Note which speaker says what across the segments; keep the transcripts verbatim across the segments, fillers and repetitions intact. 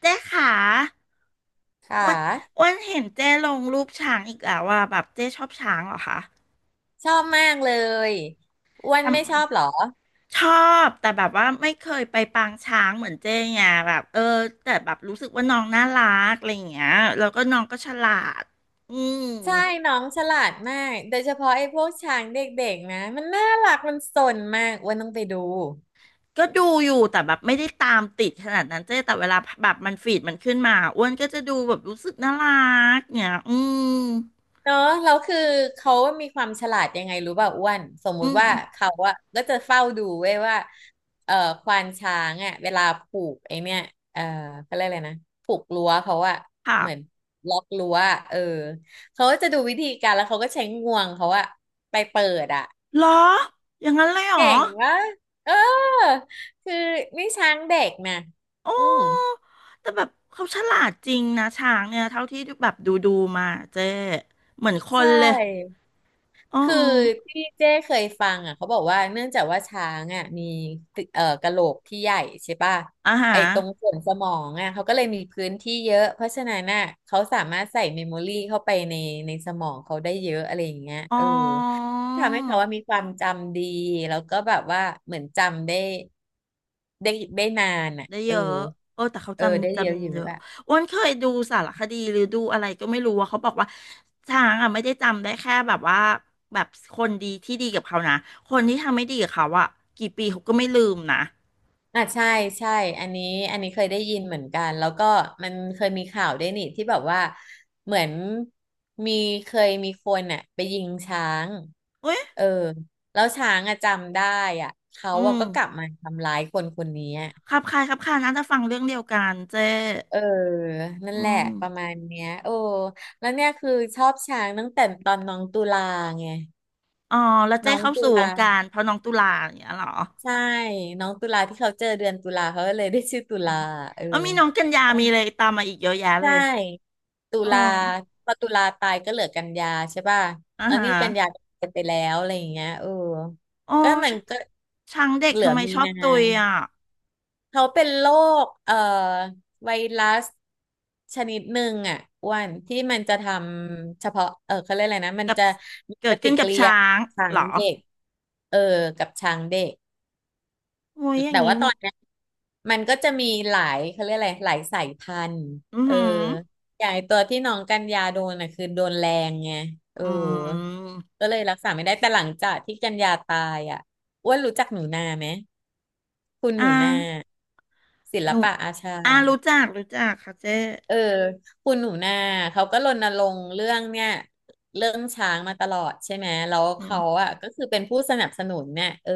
Speaker 1: เจ๊ขา
Speaker 2: ค่
Speaker 1: อ้วัน
Speaker 2: ะ
Speaker 1: อ้วันเห็นเจ๊ลงรูปช้างอีกแล้วว่าแบบเจ๊ชอบช้างเหรอคะ
Speaker 2: ชอบมากเลยอ้วัน
Speaker 1: ทำ
Speaker 2: ไม่
Speaker 1: ไม
Speaker 2: ชอบเหรอ
Speaker 1: ชอบแต่แบบว่าไม่เคยไปปางช้างเหมือนเจ๊ไงแบบเออแต่แบบรู้สึกว่าน้องน่ารักอะไรอย่างเงี้ยแล้วก็น้องก็ฉลาดอืม
Speaker 2: ใช่น้องฉลาดมากโดยเฉพาะไอ้พวกช้างเด็กๆนะมันน่ารักมันสนมากอ้วันต้องไปดู
Speaker 1: ก็ดูอยู่แต่แบบไม่ได้ตามติดขนาดนั้นเจ๊แต่เวลาแบบมันฟีดมันขึ้นมาอ้วนก็จะดูแบบรู้สึกน่ารักเนี่ยอืม
Speaker 2: เนาะแล้วคือเขามีความฉลาดยังไงรู้ป่ะอ้วนสมมุ
Speaker 1: อื
Speaker 2: ติ
Speaker 1: ม
Speaker 2: ว่าเขาอะก็จะเฝ้าดูเว้ยว่าเอ่อควานช้างอะเวลาผูกไอเนี่ยเอ่อเขาเรียกอะไรนะผูกรั้วเขาอะ
Speaker 1: ค่ะ
Speaker 2: เหมือนล็อกรั้วอะเออเขาก็จะดูวิธีการแล้วเขาก็ใช้งวงเขาอะไปเปิดอะ
Speaker 1: เหรออย่างนั้นเลยเหรอ
Speaker 2: เก่งวะเออคือนี่ช้างเด็กนะ
Speaker 1: โอ้
Speaker 2: อืม
Speaker 1: แต่แบบเขาฉลาดจริงนะช้างเนี่ยเท่าที่แบบดูดูมาเจ๊เหมือนค
Speaker 2: ใช
Speaker 1: นเลย
Speaker 2: ่
Speaker 1: อ๋อ
Speaker 2: คือที่เจ้เคยฟังอ่ะเขาบอกว่าเนื่องจากว่าช้างอ่ะมีตึเอ่อกะโหลกที่ใหญ่ใช่ป่ะ
Speaker 1: อาหา
Speaker 2: ไอ้
Speaker 1: ร
Speaker 2: ตรงส่วนสมองอ่ะเขาก็เลยมีพื้นที่เยอะเพราะฉะนั้นน่ะเขาสามารถใส่เมมโมรี่เข้าไปในในสมองเขาได้เยอะอะไรอย่างเงี้ย
Speaker 1: อ๋อ
Speaker 2: เออทำให้เขาว่ามีความจำดีแล้วก็แบบว่าเหมือนจำได้ได้ได้นานอ่ะ
Speaker 1: ได้
Speaker 2: เอ
Speaker 1: เย
Speaker 2: อ
Speaker 1: อะเออแต่เขา
Speaker 2: เออได้
Speaker 1: จำ
Speaker 2: เยอะอ
Speaker 1: จำเย
Speaker 2: ยู่
Speaker 1: อะอ้วนเคยดูสารคดีหรือดูอะไรก็ไม่รู้ว่าเขาบอกว่าช้างอ่ะไม่ได้จำได้แค่แบบว่าแบบคนดีที่ดีกับเขานะคนที่ทำไม่ดีกับเขาอ่ะกี่ปีเขาก็ไม่ลืมนะ
Speaker 2: อ่ะใช่ใช่อันนี้อันนี้เคยได้ยินเหมือนกันแล้วก็มันเคยมีข่าวด้วยนี่ที่แบบว่าเหมือนมีเคยมีคนอ่ะไปยิงช้าง
Speaker 1: เอ้ย
Speaker 2: เออแล้วช้างอะจำได้อ่ะเขา
Speaker 1: อื
Speaker 2: อะ
Speaker 1: ม
Speaker 2: ก็กลับมาทำร้ายคนคนนี้อะ
Speaker 1: ครับคล้ายครับคล้ายนะจะฟังเรื่องเดียวกันเจ๊
Speaker 2: เออนั่น
Speaker 1: อื
Speaker 2: แหละ
Speaker 1: ม
Speaker 2: ประมาณเนี้ยโอ้แล้วเนี่ยคือชอบช้างตั้งแต่ตอนน้องตุลาไง
Speaker 1: อ๋อแล้วเจ้
Speaker 2: น้อง
Speaker 1: เข้า
Speaker 2: ตุ
Speaker 1: สู่ว
Speaker 2: ลา
Speaker 1: งการเพราะน้องตุลาอย่างเงี้ยเหรอ
Speaker 2: ใช่น้องตุลาที่เขาเจอเดือนตุลาเขาก็เลยได้ชื่อตุ
Speaker 1: อื
Speaker 2: ลา
Speaker 1: ม
Speaker 2: เออ
Speaker 1: เออมีน้องกันยามีเลยตามมาอีกเยอะแยะเล
Speaker 2: ใช่
Speaker 1: ย
Speaker 2: ตุ
Speaker 1: อ๋อ
Speaker 2: ลาพอตุลาตายก็เหลือกันยาใช่ป่ะ
Speaker 1: อ่า
Speaker 2: แล้ว
Speaker 1: ฮะ
Speaker 2: นี่กันยาก็ตายไปแล้วอะไรอย่างเงี้ยเออ
Speaker 1: โอ้
Speaker 2: ก็มั
Speaker 1: ช
Speaker 2: นก็
Speaker 1: ช้างเด็ก
Speaker 2: เหลือ
Speaker 1: ทำไม
Speaker 2: มี
Speaker 1: ชอบ
Speaker 2: นา
Speaker 1: ตุยอ่ะ
Speaker 2: เขาเป็นโรคเอ่อไวรัสชนิดหนึ่งอ่ะอ้วันที่มันจะทำเฉพาะเออเขาเรียกอะไรนะมัน
Speaker 1: กับ
Speaker 2: จะมี
Speaker 1: เกิ
Speaker 2: ป
Speaker 1: ด
Speaker 2: ฏิ
Speaker 1: ขึ้นกั
Speaker 2: กิ
Speaker 1: บ
Speaker 2: ริ
Speaker 1: ช้า
Speaker 2: ยา
Speaker 1: ง
Speaker 2: กับช้า
Speaker 1: เห
Speaker 2: ง
Speaker 1: รอ
Speaker 2: เด็กเออกับช้างเด็ก
Speaker 1: โอ้ยอย่าง
Speaker 2: แต่
Speaker 1: งี้
Speaker 2: ว่าตอนเนี้ยมันก็จะมีหลายเขาเรียกอะไรหลายสายพันธุ์
Speaker 1: อือ
Speaker 2: เออ
Speaker 1: หือ
Speaker 2: อย่างไอ้ตัวที่น้องกันยาโดนอ่ะคือโดนแรงไงเออ
Speaker 1: อืม
Speaker 2: ก็เลยรักษาไม่ได้แต่หลังจากที่กันยาตายอ่ะอ้วนรู้จักหนูนาไหมคุณห
Speaker 1: อ่า
Speaker 2: นูนาศิล
Speaker 1: หนู
Speaker 2: ปะอาชา
Speaker 1: อ่ารู้จัก รู้จักค่ะเจ้
Speaker 2: เออคุณหนูนาเขาก็รณรงค์เรื่องเนี่ยเรื่องช้างมาตลอดใช่ไหมแล้ว
Speaker 1: อื
Speaker 2: เขา
Speaker 1: ม
Speaker 2: อ่ะก็คือเป็นผู้สนับสนุนเนี่ยเออ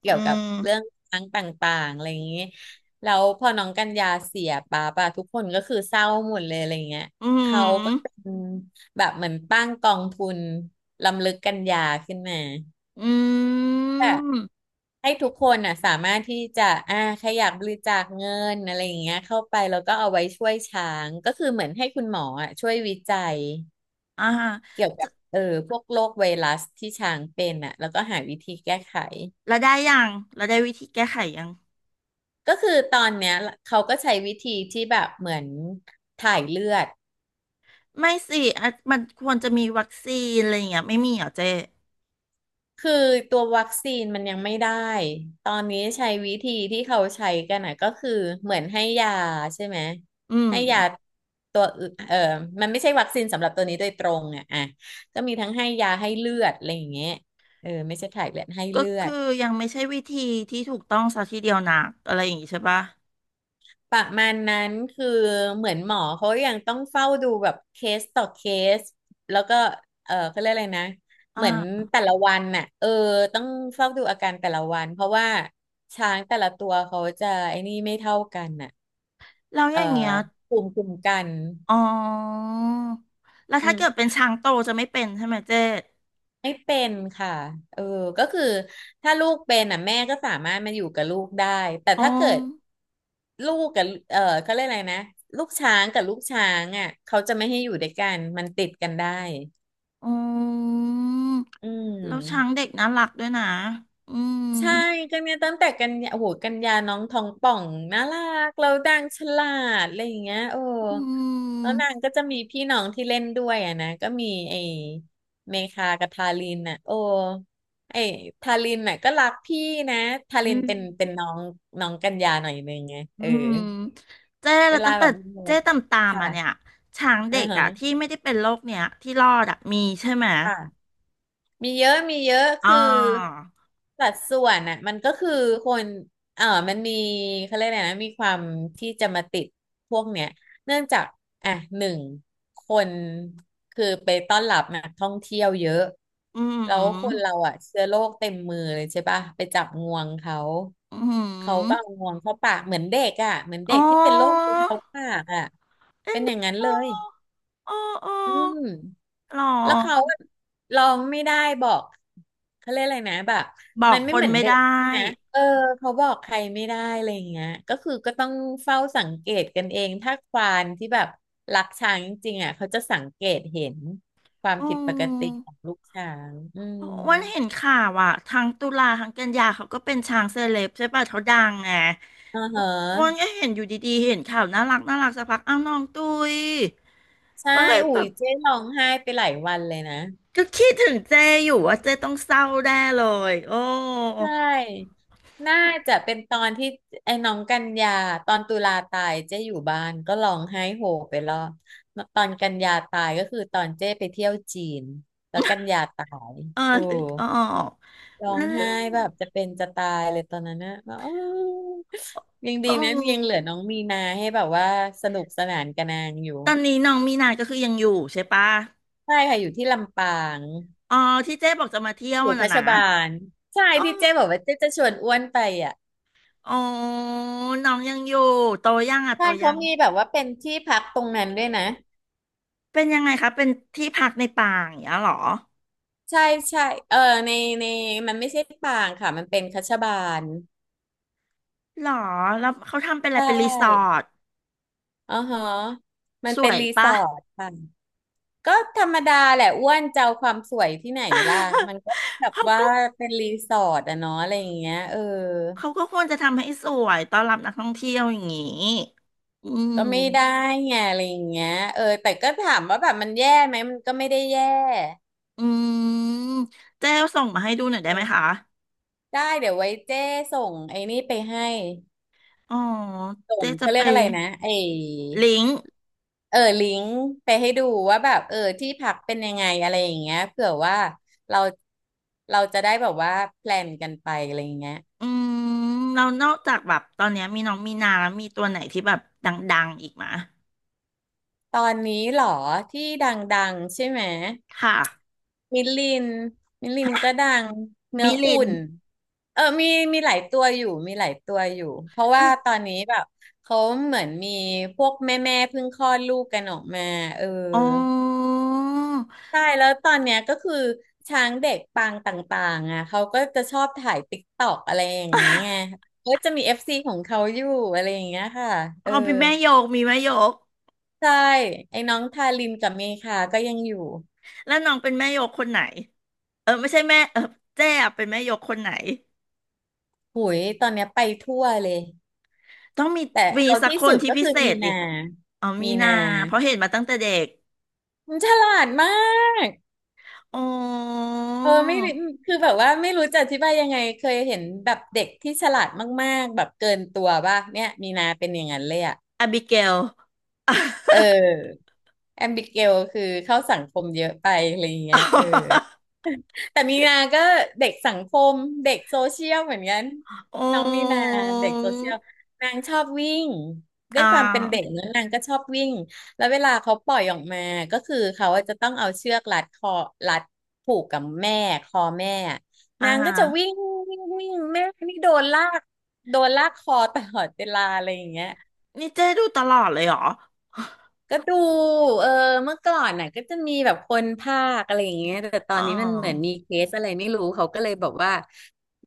Speaker 2: เกี่
Speaker 1: อื
Speaker 2: ยวกับ
Speaker 1: ม
Speaker 2: เรื่องช้างต่างๆอะไรอย่างนี้แล้วพอน้องกันยาเสียป้าปะทุกคนก็คือเศร้าหมดเลยอะไรเงี้ย
Speaker 1: อื
Speaker 2: เขาก็เป็
Speaker 1: ม
Speaker 2: นแบบเหมือนตั้งกองทุนรำลึกกันยาขึ้นมา
Speaker 1: อืม
Speaker 2: ให้ทุกคนน่ะสามารถที่จะอ่าใครอยากบริจาคเงินอะไรอย่างเงี้ยเข้าไปแล้วก็เอาไว้ช่วยช้างก็คือเหมือนให้คุณหมออ่ะช่วยวิจัย
Speaker 1: อ่าฮะ
Speaker 2: เกี่ยวกั
Speaker 1: จะ
Speaker 2: บเออพวกโรคไวรัสที่ช้างเป็นอ่ะแล้วก็หาวิธีแก้ไข
Speaker 1: แล้วได้ยังแล้วได้วิธีแก้ไขยัง
Speaker 2: ก็คือตอนเนี้ยเขาก็ใช้วิธีที่แบบเหมือนถ่ายเลือด
Speaker 1: ไม่สิอ่ะมันควรจะมีวัคซีนอะไรอย่างเงี้ยไม่มีเหรอเจ๊
Speaker 2: คือตัววัคซีนมันยังไม่ได้ ตอนนี้ใช้วิธีที่เขาใช้กันนะก็คือเหมือนให้ยาใช่ไหม
Speaker 1: อืม
Speaker 2: ให้ยาตัวอื่นเออมันไม่ใช่วัคซีนสำหรับตัวนี้โดยตรงอ่ะอ่ะก็มีทั้งให้ยาให้เลือดอะไรอย่างเงี้ยเออไม่ใช่ถ่ายเลือดให้
Speaker 1: ก็
Speaker 2: เลือ
Speaker 1: คือ
Speaker 2: ด
Speaker 1: ยังไม่ใช่วิธีที่ถูกต้องซะทีเดียวนักอะไรอย่างงี้ใช่ปะ
Speaker 2: ประมาณนั้นคือเหมือนหมอเขายังต้องเฝ้าดูแบบเคสต่อเคสแล้วก็เออเขาเรียกอะไรนะ
Speaker 1: อ่
Speaker 2: เหมือน
Speaker 1: า
Speaker 2: แต่ละวันน่ะเออต้องเฝ้าดูอาการแต่ละวันเพราะว่าช้างแต่ละตัวเขาจะไอ้นี่ไม่เท่ากันน่ะ
Speaker 1: แล้วอ
Speaker 2: เออ
Speaker 1: ย่างเงี้ย
Speaker 2: ภูมิคุ้มกัน
Speaker 1: อ๋อแล้ว
Speaker 2: อื
Speaker 1: ถ้าเกิด
Speaker 2: ม
Speaker 1: เป็นช้างโตจะไม่เป็นใช่ไหมเจ๊
Speaker 2: ไม่เป็นค่ะเออก็คือถ้าลูกเป็นอ่ะแม่ก็สามารถมาอยู่กับลูกได้แต่
Speaker 1: อ๋อ
Speaker 2: ถ้าเกิดลูกกับเออเขาเรียกอะไรนะลูกช้างกับลูกช้างอ่ะเขาจะไม่ให้อยู่ด้วยกันมันติดกันได้
Speaker 1: อ๋อ
Speaker 2: อื
Speaker 1: แล้วช้าง
Speaker 2: ม
Speaker 1: เด็กน่ารักด้วยนะอืม
Speaker 2: ใช่กันเนี่ยตั้งแต่กันยาโอ้โหกันยาน้องทองป่องน่ารักเราดังฉลาดอะไรอย่างเงี้ยโอ้
Speaker 1: อื
Speaker 2: แล้ว
Speaker 1: ม
Speaker 2: นางก็จะมีพี่น้องที่เล่นด้วยอ่ะนะก็มีไอ้เมคากับทารินน่ะโอ้ไอ้ทารินน่ะก็รักพี่นะทา
Speaker 1: อื
Speaker 2: รินเป็น
Speaker 1: ม
Speaker 2: เป็นน้องน้องกันยาหน่อยนึงไง
Speaker 1: อื
Speaker 2: เออ
Speaker 1: มเจ๊
Speaker 2: เว
Speaker 1: แล้ว
Speaker 2: ลา
Speaker 1: ตั้ง
Speaker 2: แบ
Speaker 1: แต่
Speaker 2: บมีอะไร
Speaker 1: เจ๊ตามตามมาเนี่ย
Speaker 2: ค่ะ
Speaker 1: ช้าง
Speaker 2: อื
Speaker 1: เด็
Speaker 2: อ
Speaker 1: กอ่ะ
Speaker 2: ฮะ
Speaker 1: ที่ไม่ได้เป็นโรคเนี่ยที่รอดอ่ะมีใช่ไหม
Speaker 2: ค่ะ มีเยอะมีเยอะ
Speaker 1: อ๋อ
Speaker 2: คือสัดส่วนอ่ะมันก็คือคนเออมันมีเขาเรียกอะไรนะมีความที่จะมาติดพวกเนี้ยเนื่องจากอ่ะหนึ่งคนคือไปต้อนรับนักท่องเที่ยวเยอะ
Speaker 1: อื
Speaker 2: แล้วคนเรา
Speaker 1: ม
Speaker 2: อ่ะเชื้อโรคเต็มมือเลยใช่ปะไปจับงวงเขา
Speaker 1: อื
Speaker 2: เขาก็เอา
Speaker 1: ม
Speaker 2: งวงเข้าปากเหมือนเด็กอ่ะเหมือน
Speaker 1: อ๋
Speaker 2: เด็
Speaker 1: อ
Speaker 2: กที่เป็นโรคมือเท้าปากอ่ะ
Speaker 1: เอ็
Speaker 2: เป็
Speaker 1: น
Speaker 2: นอ
Speaker 1: ดู
Speaker 2: ย่างนั้นเล
Speaker 1: โอ้
Speaker 2: ย
Speaker 1: โอ้
Speaker 2: อืม
Speaker 1: หรอ
Speaker 2: แล้วเขาอะร้องไม่ได้บอกเขาเรียกอะไรนะแบบ
Speaker 1: บอ
Speaker 2: มั
Speaker 1: ก
Speaker 2: นไม่
Speaker 1: ค
Speaker 2: เห
Speaker 1: น
Speaker 2: มือน
Speaker 1: ไม่
Speaker 2: เด็ก
Speaker 1: ได้
Speaker 2: ใช่ไหมเออเขาบอกใครไม่ได้อะไรอย่างเงี้ยก็คือก็ต้องเฝ้าสังเกตกันเองถ้าควานที่แบบรักช้างจริงๆอ่ะเขาจะสังเกตเห็นความ
Speaker 1: อื
Speaker 2: ผิดปกติขอ
Speaker 1: ม
Speaker 2: งลูกช้างอื
Speaker 1: อ้
Speaker 2: ม
Speaker 1: วันเห็นข่าวอ่ะทั้งตุลาทั้งกันยาเขาก็เป็นช้างเซเลบใช่ป่ะเขาดังไง
Speaker 2: อ่า
Speaker 1: อ้
Speaker 2: ฮะ
Speaker 1: วันก็เห็นอยู่ดีๆเห็นข่าวน่ารักน่ารักสักพักอ้าวน้องตุย
Speaker 2: ใช่
Speaker 1: ก็เลย
Speaker 2: อุ้
Speaker 1: แบ
Speaker 2: ย
Speaker 1: บ
Speaker 2: เจ๊ร้องไห้ไปหลายวันเลยนะ
Speaker 1: ก็คิดถึงเจอยู่ว่าเจต้องเศร้าแน่เลยโอ้
Speaker 2: ใช่ น่าจะเป็นตอนที่ไอ้น้องกันยาตอนตุลาตายเจ๊อยู่บ้านก็ร้องไห้โฮไปรอบตอนกันยาตายก็คือตอนเจ๊ไปเที่ยวจีนแล้วกันยาตาย
Speaker 1: เออ
Speaker 2: โอ้
Speaker 1: ตึกออก
Speaker 2: ร้อง
Speaker 1: นั่น
Speaker 2: ไห้
Speaker 1: แหละ
Speaker 2: แบบจะเป็นจะตายเลยตอนนั้นนะแบบอ้อยังดี
Speaker 1: โอ้
Speaker 2: นะยังเหลือน้องมีนาให้แบบว่าสนุกสนานกับนางอยู่
Speaker 1: ตอนนี้น้องมีนาก็คือยังอยู่ใช่ปะ
Speaker 2: ใช่ค่ะอยู่ที่ลำปาง
Speaker 1: อ๋อที่เจ๊บอกจะมาเที่ยว
Speaker 2: อยู่คั
Speaker 1: น่ะ
Speaker 2: ช
Speaker 1: นะ
Speaker 2: บาลใช่
Speaker 1: อ๋อ
Speaker 2: ที่เจ๊บอกว่าเจ๊จะชวนอ้วนไปอ่ะ
Speaker 1: อ๋อน้องยังอยู่โตยังอ่ะโต
Speaker 2: ใช่
Speaker 1: ยั
Speaker 2: เขา
Speaker 1: ง
Speaker 2: มีแบบว่าเป็นที่พักตรงนั้นด้วยนะ
Speaker 1: เป็นยังไงคะเป็นที่พักในป่าอย่างเงี้ยเหรอ
Speaker 2: ใช่ใช่เออในในมันไม่ใช่ปางค่ะมันเป็นคัชบาล
Speaker 1: หรอแล้วเขาทำเป็นอะไร
Speaker 2: ใช
Speaker 1: เป็นรีสอ
Speaker 2: ่
Speaker 1: ร์ท
Speaker 2: อ๋อฮะมัน
Speaker 1: ส
Speaker 2: เป็น
Speaker 1: วย
Speaker 2: รีส
Speaker 1: ปะ
Speaker 2: อร์ทค่ะก็ธรรมดาแหละอ้วนจะเอาความสวยที่ไหนล่ะมันก็ แบบ
Speaker 1: เขา
Speaker 2: ว่า
Speaker 1: ก็
Speaker 2: เป็นรีสอร์ทอะเนาะอะไรอย่างเงี้ยเออ
Speaker 1: เขาก็ควรจะทำให้สวยต้อนรับนักท่องเที่ยวอย่างนี้อื
Speaker 2: ก็ไม่ได้
Speaker 1: ม
Speaker 2: ไงอะไรอย่างเงี้ยเออแต่ก็ถามว่าแบบมันแย่ไหมมันก็ไม่ได้แย่
Speaker 1: อืมเจ๊ส่งมาให้ดูหน่อยได้ไหม
Speaker 2: เออ
Speaker 1: คะ
Speaker 2: ได้เดี๋ยวไว้เจ้ส่งไอ้นี่ไปให้
Speaker 1: อ๋อ
Speaker 2: ส่
Speaker 1: เจ๊
Speaker 2: ง
Speaker 1: จะ
Speaker 2: เขาเรี
Speaker 1: ไป
Speaker 2: ยกอะไรนะไอ้
Speaker 1: ลิงก์
Speaker 2: เออลิงก์ไปให้ดูว่าแบบเออที่พักเป็นยังไงอะไรอย่างเงี้ยเผื่อว่าเราเราจะได้แบบว่าแพลนกันไปอะไรอย่างเงี้ย
Speaker 1: อืมเรานอกจากแบบตอนเนี้ยมีน้องมีนาแล้วมีตัวไหนที่แบบดังๆอีกมะ
Speaker 2: ตอนนี้เหรอที่ดังๆใช่ไหม
Speaker 1: ค่ะ
Speaker 2: มิลลินมิลลินก็ดังเนื้
Speaker 1: มิ
Speaker 2: อ
Speaker 1: ลิ
Speaker 2: อุ่
Speaker 1: น
Speaker 2: นเออมีมีหลายตัวอยู่มีหลายตัวอยู่เพราะว่า
Speaker 1: ก็
Speaker 2: ตอนนี้แบบเขาเหมือนมีพวกแม่แม่เพิ่งคลอดลูกกันออกมาเออ
Speaker 1: อ๋อ
Speaker 2: ใช่แล้วตอนเนี้ยก็คือช้างเด็กปางต่างๆอ่ะเขาก็จะชอบถ่ายติ๊กตอกอะไรอย่างนี้ไง ก็จะมีเอฟซีของเขาอยู่อะไรอย่างเงี้ยค่ะเออ
Speaker 1: เขาเป็นแม่โยกมีแม่โยก
Speaker 2: ใช่ไอ้น้องทารินกับเมคาก็ยังอยู่
Speaker 1: แล้วน้องเป็นแม่โยกคนไหนเออไม่ใช่แม่เออเจ๊อะเป็นแม่โยกคนไหน
Speaker 2: หุยตอนเนี้ยไปทั่วเลย
Speaker 1: ต้องมี
Speaker 2: แต่
Speaker 1: มี
Speaker 2: เอา
Speaker 1: สัก
Speaker 2: ที่
Speaker 1: ค
Speaker 2: สุ
Speaker 1: น
Speaker 2: ด
Speaker 1: ที่
Speaker 2: ก็
Speaker 1: พิ
Speaker 2: คือ
Speaker 1: เศ
Speaker 2: มี
Speaker 1: ษดิ
Speaker 2: นา
Speaker 1: อ๋อมี
Speaker 2: มี
Speaker 1: นา
Speaker 2: นา
Speaker 1: เพราะเห็นมาตั้งแต่เด็ก
Speaker 2: มันฉลาดมาก
Speaker 1: โอ้
Speaker 2: เออไม่รู้คือแบบว่าไม่รู้จะอธิบายยังไงเคยเห็นแบบเด็กที่ฉลาดมากๆแบบเกินตัวป่ะเนี่ยมีนาเป็นอย่างนั้นเลยอะ
Speaker 1: อบิเกล
Speaker 2: เออแอมบิเกลคือเข้าสังคมเยอะไปอะไรอย่างเงี้ยเออ แต่มีนาก็เด็กสังคมเด็กโซเชียลเหมือนกัน
Speaker 1: โอ้
Speaker 2: น้องมีนาเด็กโซเชียลนางชอบวิ่ง ด้ว
Speaker 1: อ่า
Speaker 2: ยความเป็นเด็กเนอะนางก็ชอบวิ่งแล้วเวลาเขาปล่อยออกมาก็คือเขาอะจะต้องเอาเชือกรัดคอรัดผูกกับแม่คอแม่
Speaker 1: อ่า
Speaker 2: นางก็จะวิ่งวิ่งวิ่งแม่นี่โดนลากโดนลากคอตลอดเวลาอะไรอย่างเงี้ย
Speaker 1: นี่เจ๊ดูตลอดเลยเหรอ
Speaker 2: ก็ดูเออเมื่อก่อนน่ะก็จะมีแบบคนภาคอะไรอย่างเงี้ยแต่ตอ
Speaker 1: อ๋
Speaker 2: น
Speaker 1: อ
Speaker 2: นี้มันเหมือนมีเคสอะไรไม่รู้เขาก็เลยบอกว่า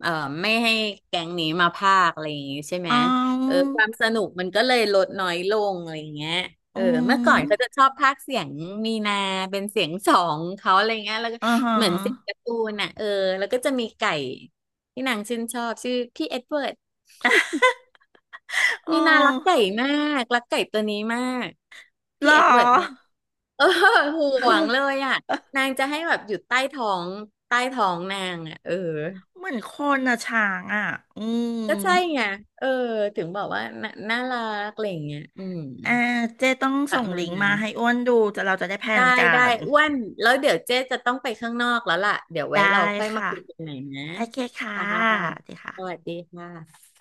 Speaker 2: เออไม่ให้แก๊งนี้มาภาคอะไรอย่างงี้ใช่ไหม
Speaker 1: อ๋
Speaker 2: เออ
Speaker 1: อ
Speaker 2: ความสนุกมันก็เลยลดน้อยลงอะไรอย่างเงี้ยเอ
Speaker 1: อื
Speaker 2: อเมื่อก่อนเขาจะ
Speaker 1: ม
Speaker 2: ชอบภาคเสียงมีนาเป็นเสียงสองเขาอะไรเงี้ยแล้วก็
Speaker 1: อ่าฮะ
Speaker 2: เหมือนเสียงการ์ตูนน่ะเออแล้วก็จะมีไก่ที่นางชื่นชอบชื่อพี่เอ็ดเวิร์ด
Speaker 1: อ๋
Speaker 2: มีนารักไก่
Speaker 1: อ
Speaker 2: มากรักไก่ตัวนี้มาก
Speaker 1: เห
Speaker 2: พี่
Speaker 1: ร
Speaker 2: เอ็ดเวิร์ดเนี่ย
Speaker 1: อ
Speaker 2: เออ ห่วงเลยอ่ะนางจะให้แบบอยู่ใต้ท้องใต้ท้องนางอ่ะเออ
Speaker 1: เหมือนคนอะช้างอะอื
Speaker 2: ก็
Speaker 1: ม
Speaker 2: ใช่ไงเออถึงบอกว่าน่าน่ารักอะไรอย่างเงี้ยอืม
Speaker 1: อ่าเจ๊ต้อง
Speaker 2: ป
Speaker 1: ส่
Speaker 2: ระ
Speaker 1: ง
Speaker 2: มาณ
Speaker 1: ลิงก์
Speaker 2: นั้
Speaker 1: มา
Speaker 2: น
Speaker 1: ให้อ้วนดูจะเราจะได้แพล
Speaker 2: ได้
Speaker 1: นกั
Speaker 2: ได้
Speaker 1: น
Speaker 2: อ้วนแล้วเดี๋ยวเจ๊จะต้องไปข้างนอกแล้วล่ะเดี๋ยวไว้
Speaker 1: ได้
Speaker 2: เราค่อยมา
Speaker 1: ค่ะ
Speaker 2: คุยกันใหม่นะ
Speaker 1: โอเคค่ะ
Speaker 2: ค่ะ
Speaker 1: สวัสดี
Speaker 2: สวัส
Speaker 1: ค่ะ
Speaker 2: ดีค่ะ